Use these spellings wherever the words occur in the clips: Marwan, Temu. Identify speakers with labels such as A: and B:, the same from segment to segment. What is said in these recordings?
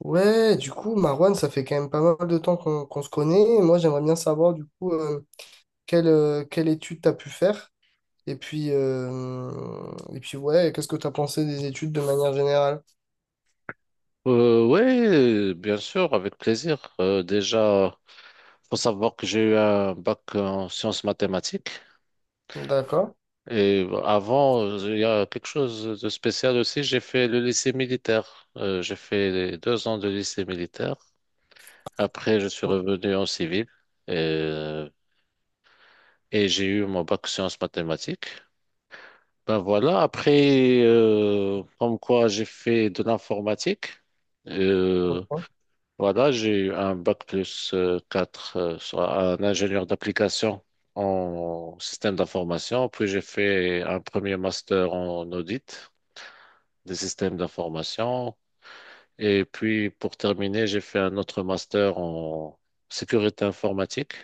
A: Ouais, du coup, Marwan, ça fait quand même pas mal de temps qu'on se connaît. Et moi, j'aimerais bien savoir, du coup, quelle, quelle étude tu as pu faire. Et puis ouais, qu'est-ce que tu as pensé des études de manière générale?
B: Ouais, bien sûr, avec plaisir. Déjà, faut savoir que j'ai eu un bac en sciences mathématiques.
A: D'accord.
B: Et avant, il y a quelque chose de spécial aussi. J'ai fait le lycée militaire. J'ai fait les deux ans de lycée militaire. Après, je suis revenu en civil et, et j'ai eu mon bac sciences mathématiques. Ben voilà. Après, comme quoi, j'ai fait de l'informatique. Euh, Voilà, j'ai eu un bac plus 4, soit un ingénieur d'application en système d'information. Puis j'ai fait un premier master en audit des systèmes d'information. Et puis pour terminer, j'ai fait un autre master en sécurité informatique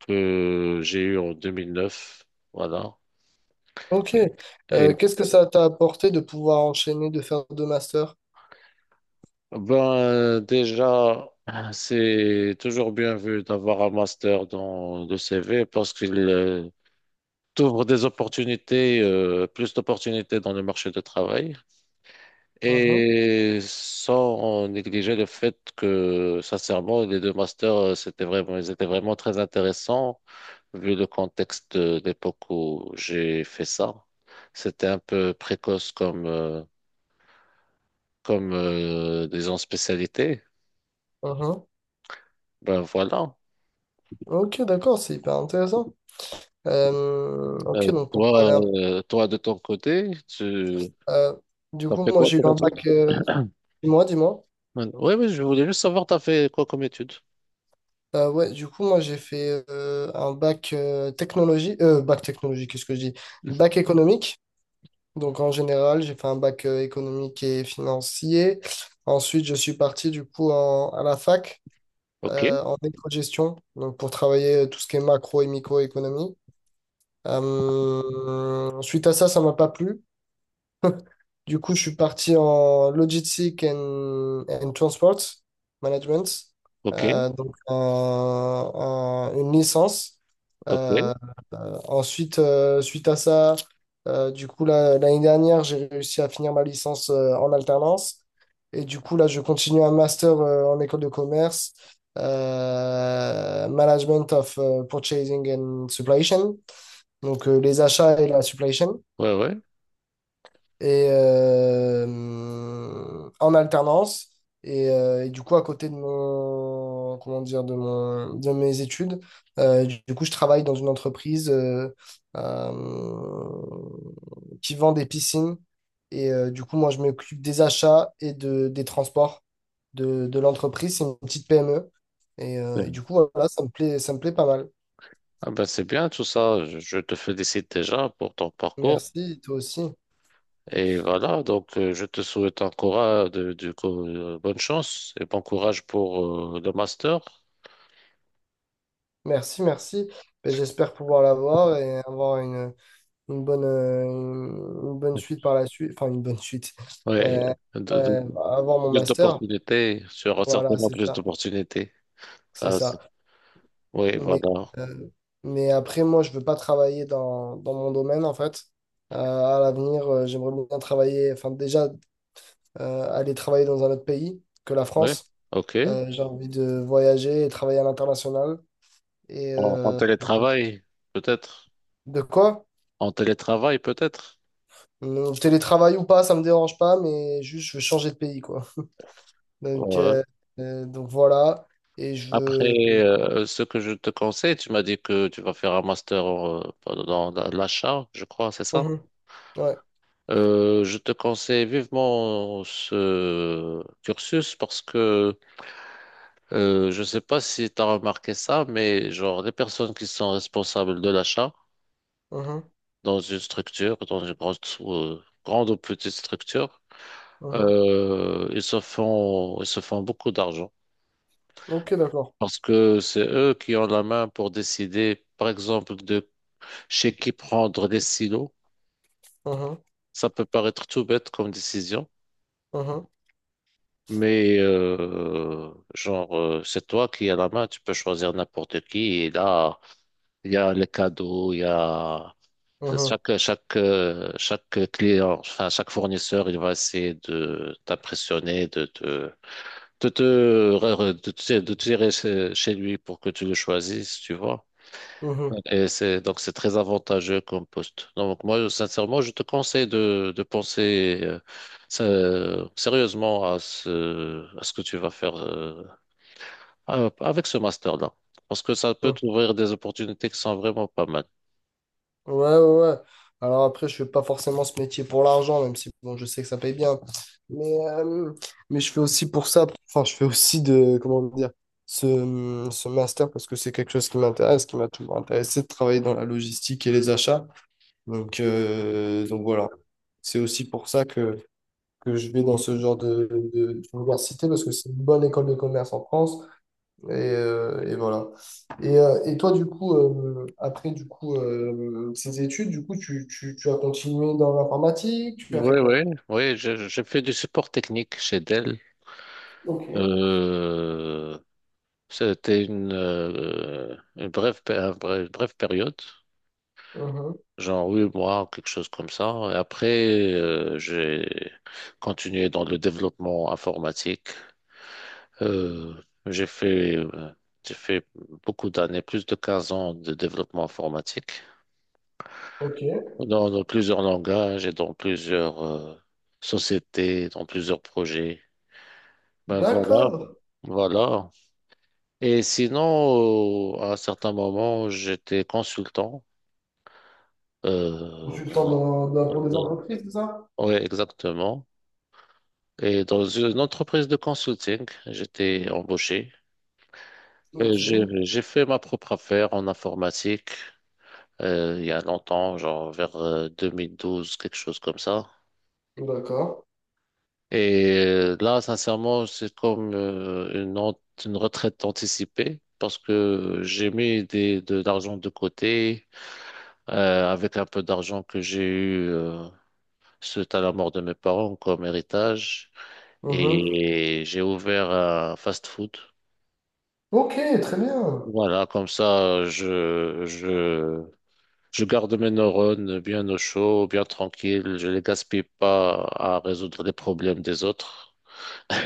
B: que j'ai eu en 2009. Voilà.
A: Ok.
B: Et
A: Qu'est-ce que ça t'a apporté de pouvoir enchaîner, de faire deux masters?
B: ben déjà, c'est toujours bien vu d'avoir un master dans le CV parce qu'il t'ouvre des opportunités, plus d'opportunités dans le marché de travail,
A: Mhm,
B: et sans négliger le fait que, sincèrement, les deux masters, c'était vraiment, ils étaient vraiment très intéressants vu le contexte de l'époque où j'ai fait ça. C'était un peu précoce comme, disons, spécialité.
A: mhm.
B: Ben voilà.
A: Ok, d'accord, c'est hyper intéressant. Ok,
B: Euh,
A: donc pour
B: Toi,
A: parler un peu.
B: de ton côté, tu
A: euh, du
B: as
A: coup,
B: fait
A: moi,
B: quoi
A: j'ai eu
B: comme
A: un
B: étude?
A: bac. Dis-moi, dis-moi.
B: Oui, oui, je voulais juste savoir, tu as fait quoi comme étude?
A: Ouais, du coup, moi, j'ai fait un bac technologie. Bac technologie, qu'est-ce que je dis? Bac économique. Donc, en général, j'ai fait un bac économique et financier. Ensuite, je suis parti, du coup, à la fac,
B: Ok,
A: en éco-gestion. Donc, pour travailler tout ce qui est macro et microéconomie. Suite à ça, ça m'a pas plu. Du coup, je suis parti en Logistic and Transport Management,
B: ok.
A: donc une licence.
B: Ok, ouais,
A: Euh, Ensuite, suite à ça, du coup, là, l'année dernière, j'ai réussi à finir ma licence en alternance. Et du coup, là, je continue un master en école de commerce, Management of Purchasing and Supply Chain, donc les achats et la supply chain
B: ouais.
A: et en alternance. Et du coup, à côté de mon, comment dire, de mon, de mes études, du coup, je travaille dans une entreprise euh, qui vend des piscines. Et du coup, moi, je m'occupe des achats et de, des transports de l'entreprise. C'est une petite PME. Et du
B: C'est-
A: coup, voilà, ça me plaît pas mal.
B: Ah ben c'est bien tout ça. Je te félicite déjà pour ton parcours.
A: Merci, toi aussi.
B: Et voilà, donc je te souhaite encore du coup, bonne chance et bon courage pour le master.
A: Merci, merci. Ben, j'espère pouvoir l'avoir et avoir une bonne, euh, une bonne suite par la suite, enfin une bonne suite.
B: Ouais,
A: Euh,
B: de- de-
A: euh, Avoir mon
B: plus
A: master.
B: d'opportunités, tu auras
A: Voilà,
B: certainement
A: c'est
B: plus
A: ça,
B: d'opportunités.
A: c'est
B: Ça, c'est-
A: ça.
B: oui,
A: Mais,
B: voilà.
A: euh, mais après, moi, je veux pas travailler dans, dans mon domaine, en fait. À l'avenir, j'aimerais bien travailler, enfin déjà, aller travailler dans un autre pays que la
B: Oui,
A: France.
B: ok.
A: J'ai envie de voyager et travailler à l'international. Et
B: En, en télétravail, peut-être.
A: de quoi?
B: En télétravail, peut-être.
A: Télétravail ou pas, ça me dérange pas, mais juste, je veux changer de pays, quoi. Donc,
B: Ouais.
A: euh, donc voilà. Et je veux.
B: Après, ce que je te conseille, tu m'as dit que tu vas faire un master dans l'achat, je crois, c'est ça?
A: Mhm. Ouais.
B: Je te conseille vivement ce cursus parce que je ne sais pas si tu as remarqué ça, mais genre les personnes qui sont responsables de l'achat
A: Mhm.
B: dans une structure, dans une grande, grande ou petite structure,
A: Mhm.
B: ils se font beaucoup d'argent
A: Ok, d'accord.
B: parce que c'est eux qui ont la main pour décider, par exemple, de chez qui prendre des silos.
A: Mhm.
B: Ça peut paraître tout bête comme décision,
A: Mhm.
B: mais c'est toi qui as la main, tu peux choisir n'importe qui. Et là, il y a les cadeaux, il y a
A: Mhm.
B: chaque client, enfin, chaque fournisseur, il va essayer de t'impressionner, de te, re- re- de te tirer chez lui pour que tu le choisisses, tu vois.
A: Mhm.
B: Et c'est donc c'est très avantageux comme poste. Donc moi, sincèrement, je te conseille de penser sérieusement à à ce que tu vas faire avec ce master-là. Parce que ça peut
A: Mhm.
B: t'ouvrir des opportunités qui sont vraiment pas mal.
A: Ouais, ouais, ouais. Alors après, je fais pas forcément ce métier pour l'argent, même si bon, je sais que ça paye bien. Mais, euh, mais je fais aussi pour ça. Enfin, je fais aussi de, comment dire, ce, ce master parce que c'est quelque chose qui m'intéresse, qui m'a toujours intéressé de travailler dans la logistique et les achats. Donc voilà. C'est aussi pour ça que je vais dans ce genre de, d'université parce que c'est une bonne école de commerce en France. Et voilà. Et toi, du coup, après du coup, ces études, du coup, tu as continué dans l'informatique, tu as
B: Oui,
A: fait quoi?
B: oui. Oui, j'ai fait du support technique chez Dell.
A: Ok.
B: Euh, C'était une brève, brève période.
A: Mhm.
B: Genre, oui, moi, quelque chose comme ça. Et après, j'ai continué dans le développement informatique. Euh, j'ai fait, euh, j'ai fait beaucoup d'années, plus de 15 ans de développement informatique
A: Ok.
B: dans, dans plusieurs langages et dans plusieurs sociétés, dans plusieurs projets. Ben voilà,
A: D'accord.
B: voilà. Et sinon, à un certain moment, j'étais consultant. Euh,
A: Consultant dans, dans, pour des entreprises, c'est ça?
B: oui, exactement. Et dans une entreprise de consulting, j'étais embauché.
A: Ok.
B: J'ai fait ma propre affaire en informatique il y a longtemps, genre vers 2012, quelque chose comme ça.
A: D'accord.
B: Et là, sincèrement, c'est comme une retraite anticipée parce que j'ai mis de l'argent de côté, euh, avec un peu d'argent que j'ai eu suite à la mort de mes parents comme héritage.
A: Mhm.
B: Et j'ai ouvert un fast-food.
A: Ok, très bien.
B: Voilà, comme ça, je garde mes neurones bien au chaud, bien tranquille. Je les gaspille pas à résoudre les problèmes des autres.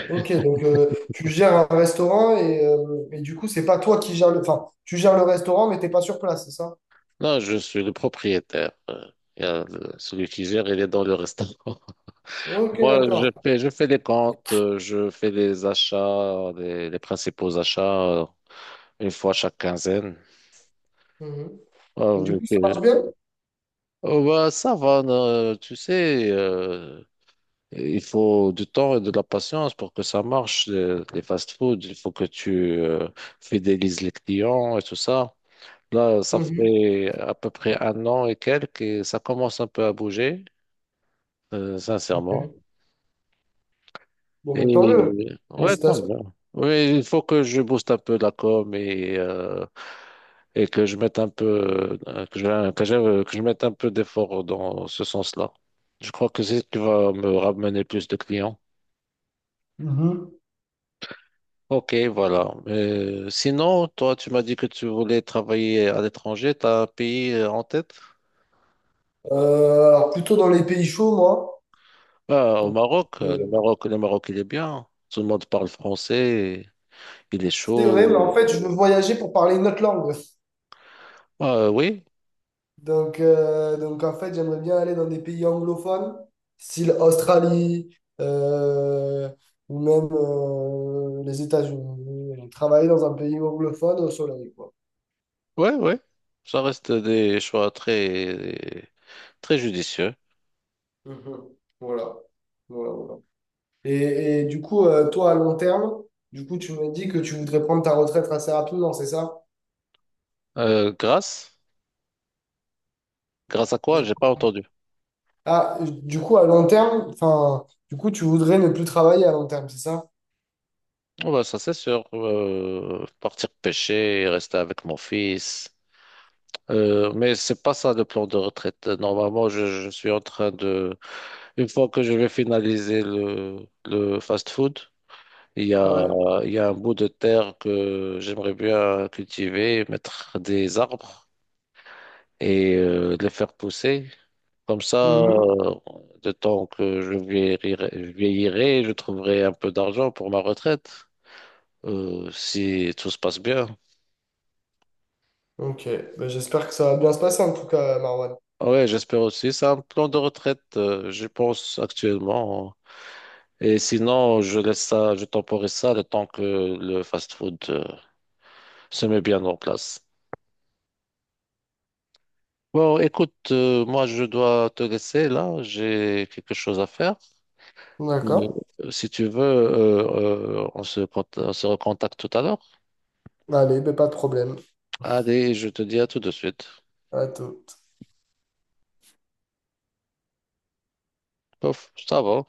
A: Ok, donc tu gères un restaurant et du coup, c'est pas toi qui gères le… Enfin, tu gères le restaurant, mais t'es pas sur place, c'est ça?
B: Là, je suis le propriétaire. Il y a le- Celui qui gère, il est dans le restaurant.
A: Ok,
B: Moi,
A: d'accord.
B: je fais les comptes, je fais les achats, les principaux achats, une fois chaque quinzaine.
A: Mhm.
B: Ah,
A: Et du
B: vu
A: coup, ça marche
B: que-
A: bien?
B: Oh, bah, ça va, non, tu sais, il faut du temps et de la patience pour que ça marche, les fast-food. Il faut que tu euh, fidélises les clients et tout ça. Là, ça
A: Mhm.
B: fait à peu près un an et quelques et ça commence un peu à bouger, sincèrement.
A: Ok. Bon,
B: Et
A: mais tant mieux.
B: ouais, tant
A: Félicitations.
B: mieux. Oui, il faut que je booste un peu la com et, et que je mette un peu, que je mette un peu d'effort dans ce sens-là. Je crois que c'est ce qui va me ramener plus de clients.
A: Mhm.
B: Ok, voilà. Sinon, toi, tu m'as dit que tu voulais travailler à l'étranger. T'as un pays en tête?
A: Alors, plutôt dans les pays chauds, moi.
B: Bah, au
A: Donc,
B: Maroc. Le
A: euh,
B: Maroc, le Maroc, il est bien. Tout le monde parle français. Il est
A: c'est vrai, mais
B: chaud.
A: en fait, je veux voyager pour parler une autre langue.
B: Ah, oui,
A: Donc en fait, j'aimerais bien aller dans des pays anglophones, style Australie, ou même les États-Unis. Travailler dans un pays anglophone au soleil, quoi.
B: ouais, ouais. Ça reste des choix très, très judicieux.
A: Mhm. Voilà. Voilà, voilà. Et du coup, toi, à long terme, du coup, tu me dis que tu voudrais prendre ta retraite assez rapidement, c'est ça?
B: Grâce? Grâce à quoi?
A: J'ai-
B: J'ai pas entendu.
A: Ah, du coup, à long terme, enfin, du coup, tu voudrais ne plus travailler à long terme, c'est ça?
B: Oh, bah, ça, c'est sûr. Partir pêcher, rester avec mon fils. Mais c'est pas ça le plan de retraite. Normalement, je suis en train de... Une fois que je vais finaliser le fast-food, il y a,
A: Ouais.
B: il y a un bout de terre que j'aimerais bien cultiver, mettre des arbres et les faire pousser. Comme ça,
A: Mhm.
B: le temps que je vieillirai, je vieillirai, je trouverai un peu d'argent pour ma retraite, si tout se passe bien.
A: Ok, ben, j'espère que ça va bien se passer en tout cas, Marwan.
B: Ah ouais, j'espère aussi. C'est un plan de retraite, je pense, actuellement. Et sinon, je laisse ça, je temporise ça le temps que le fast-food se met bien en place. Bon, écoute, moi je dois te laisser là, j'ai quelque chose à faire. Mais,
A: D'accord.
B: si tu veux, on se recontacte tout à l'heure.
A: Allez, ben, pas de problème.
B: Allez, je te dis à tout de suite.
A: À tout.
B: Pof, ça va.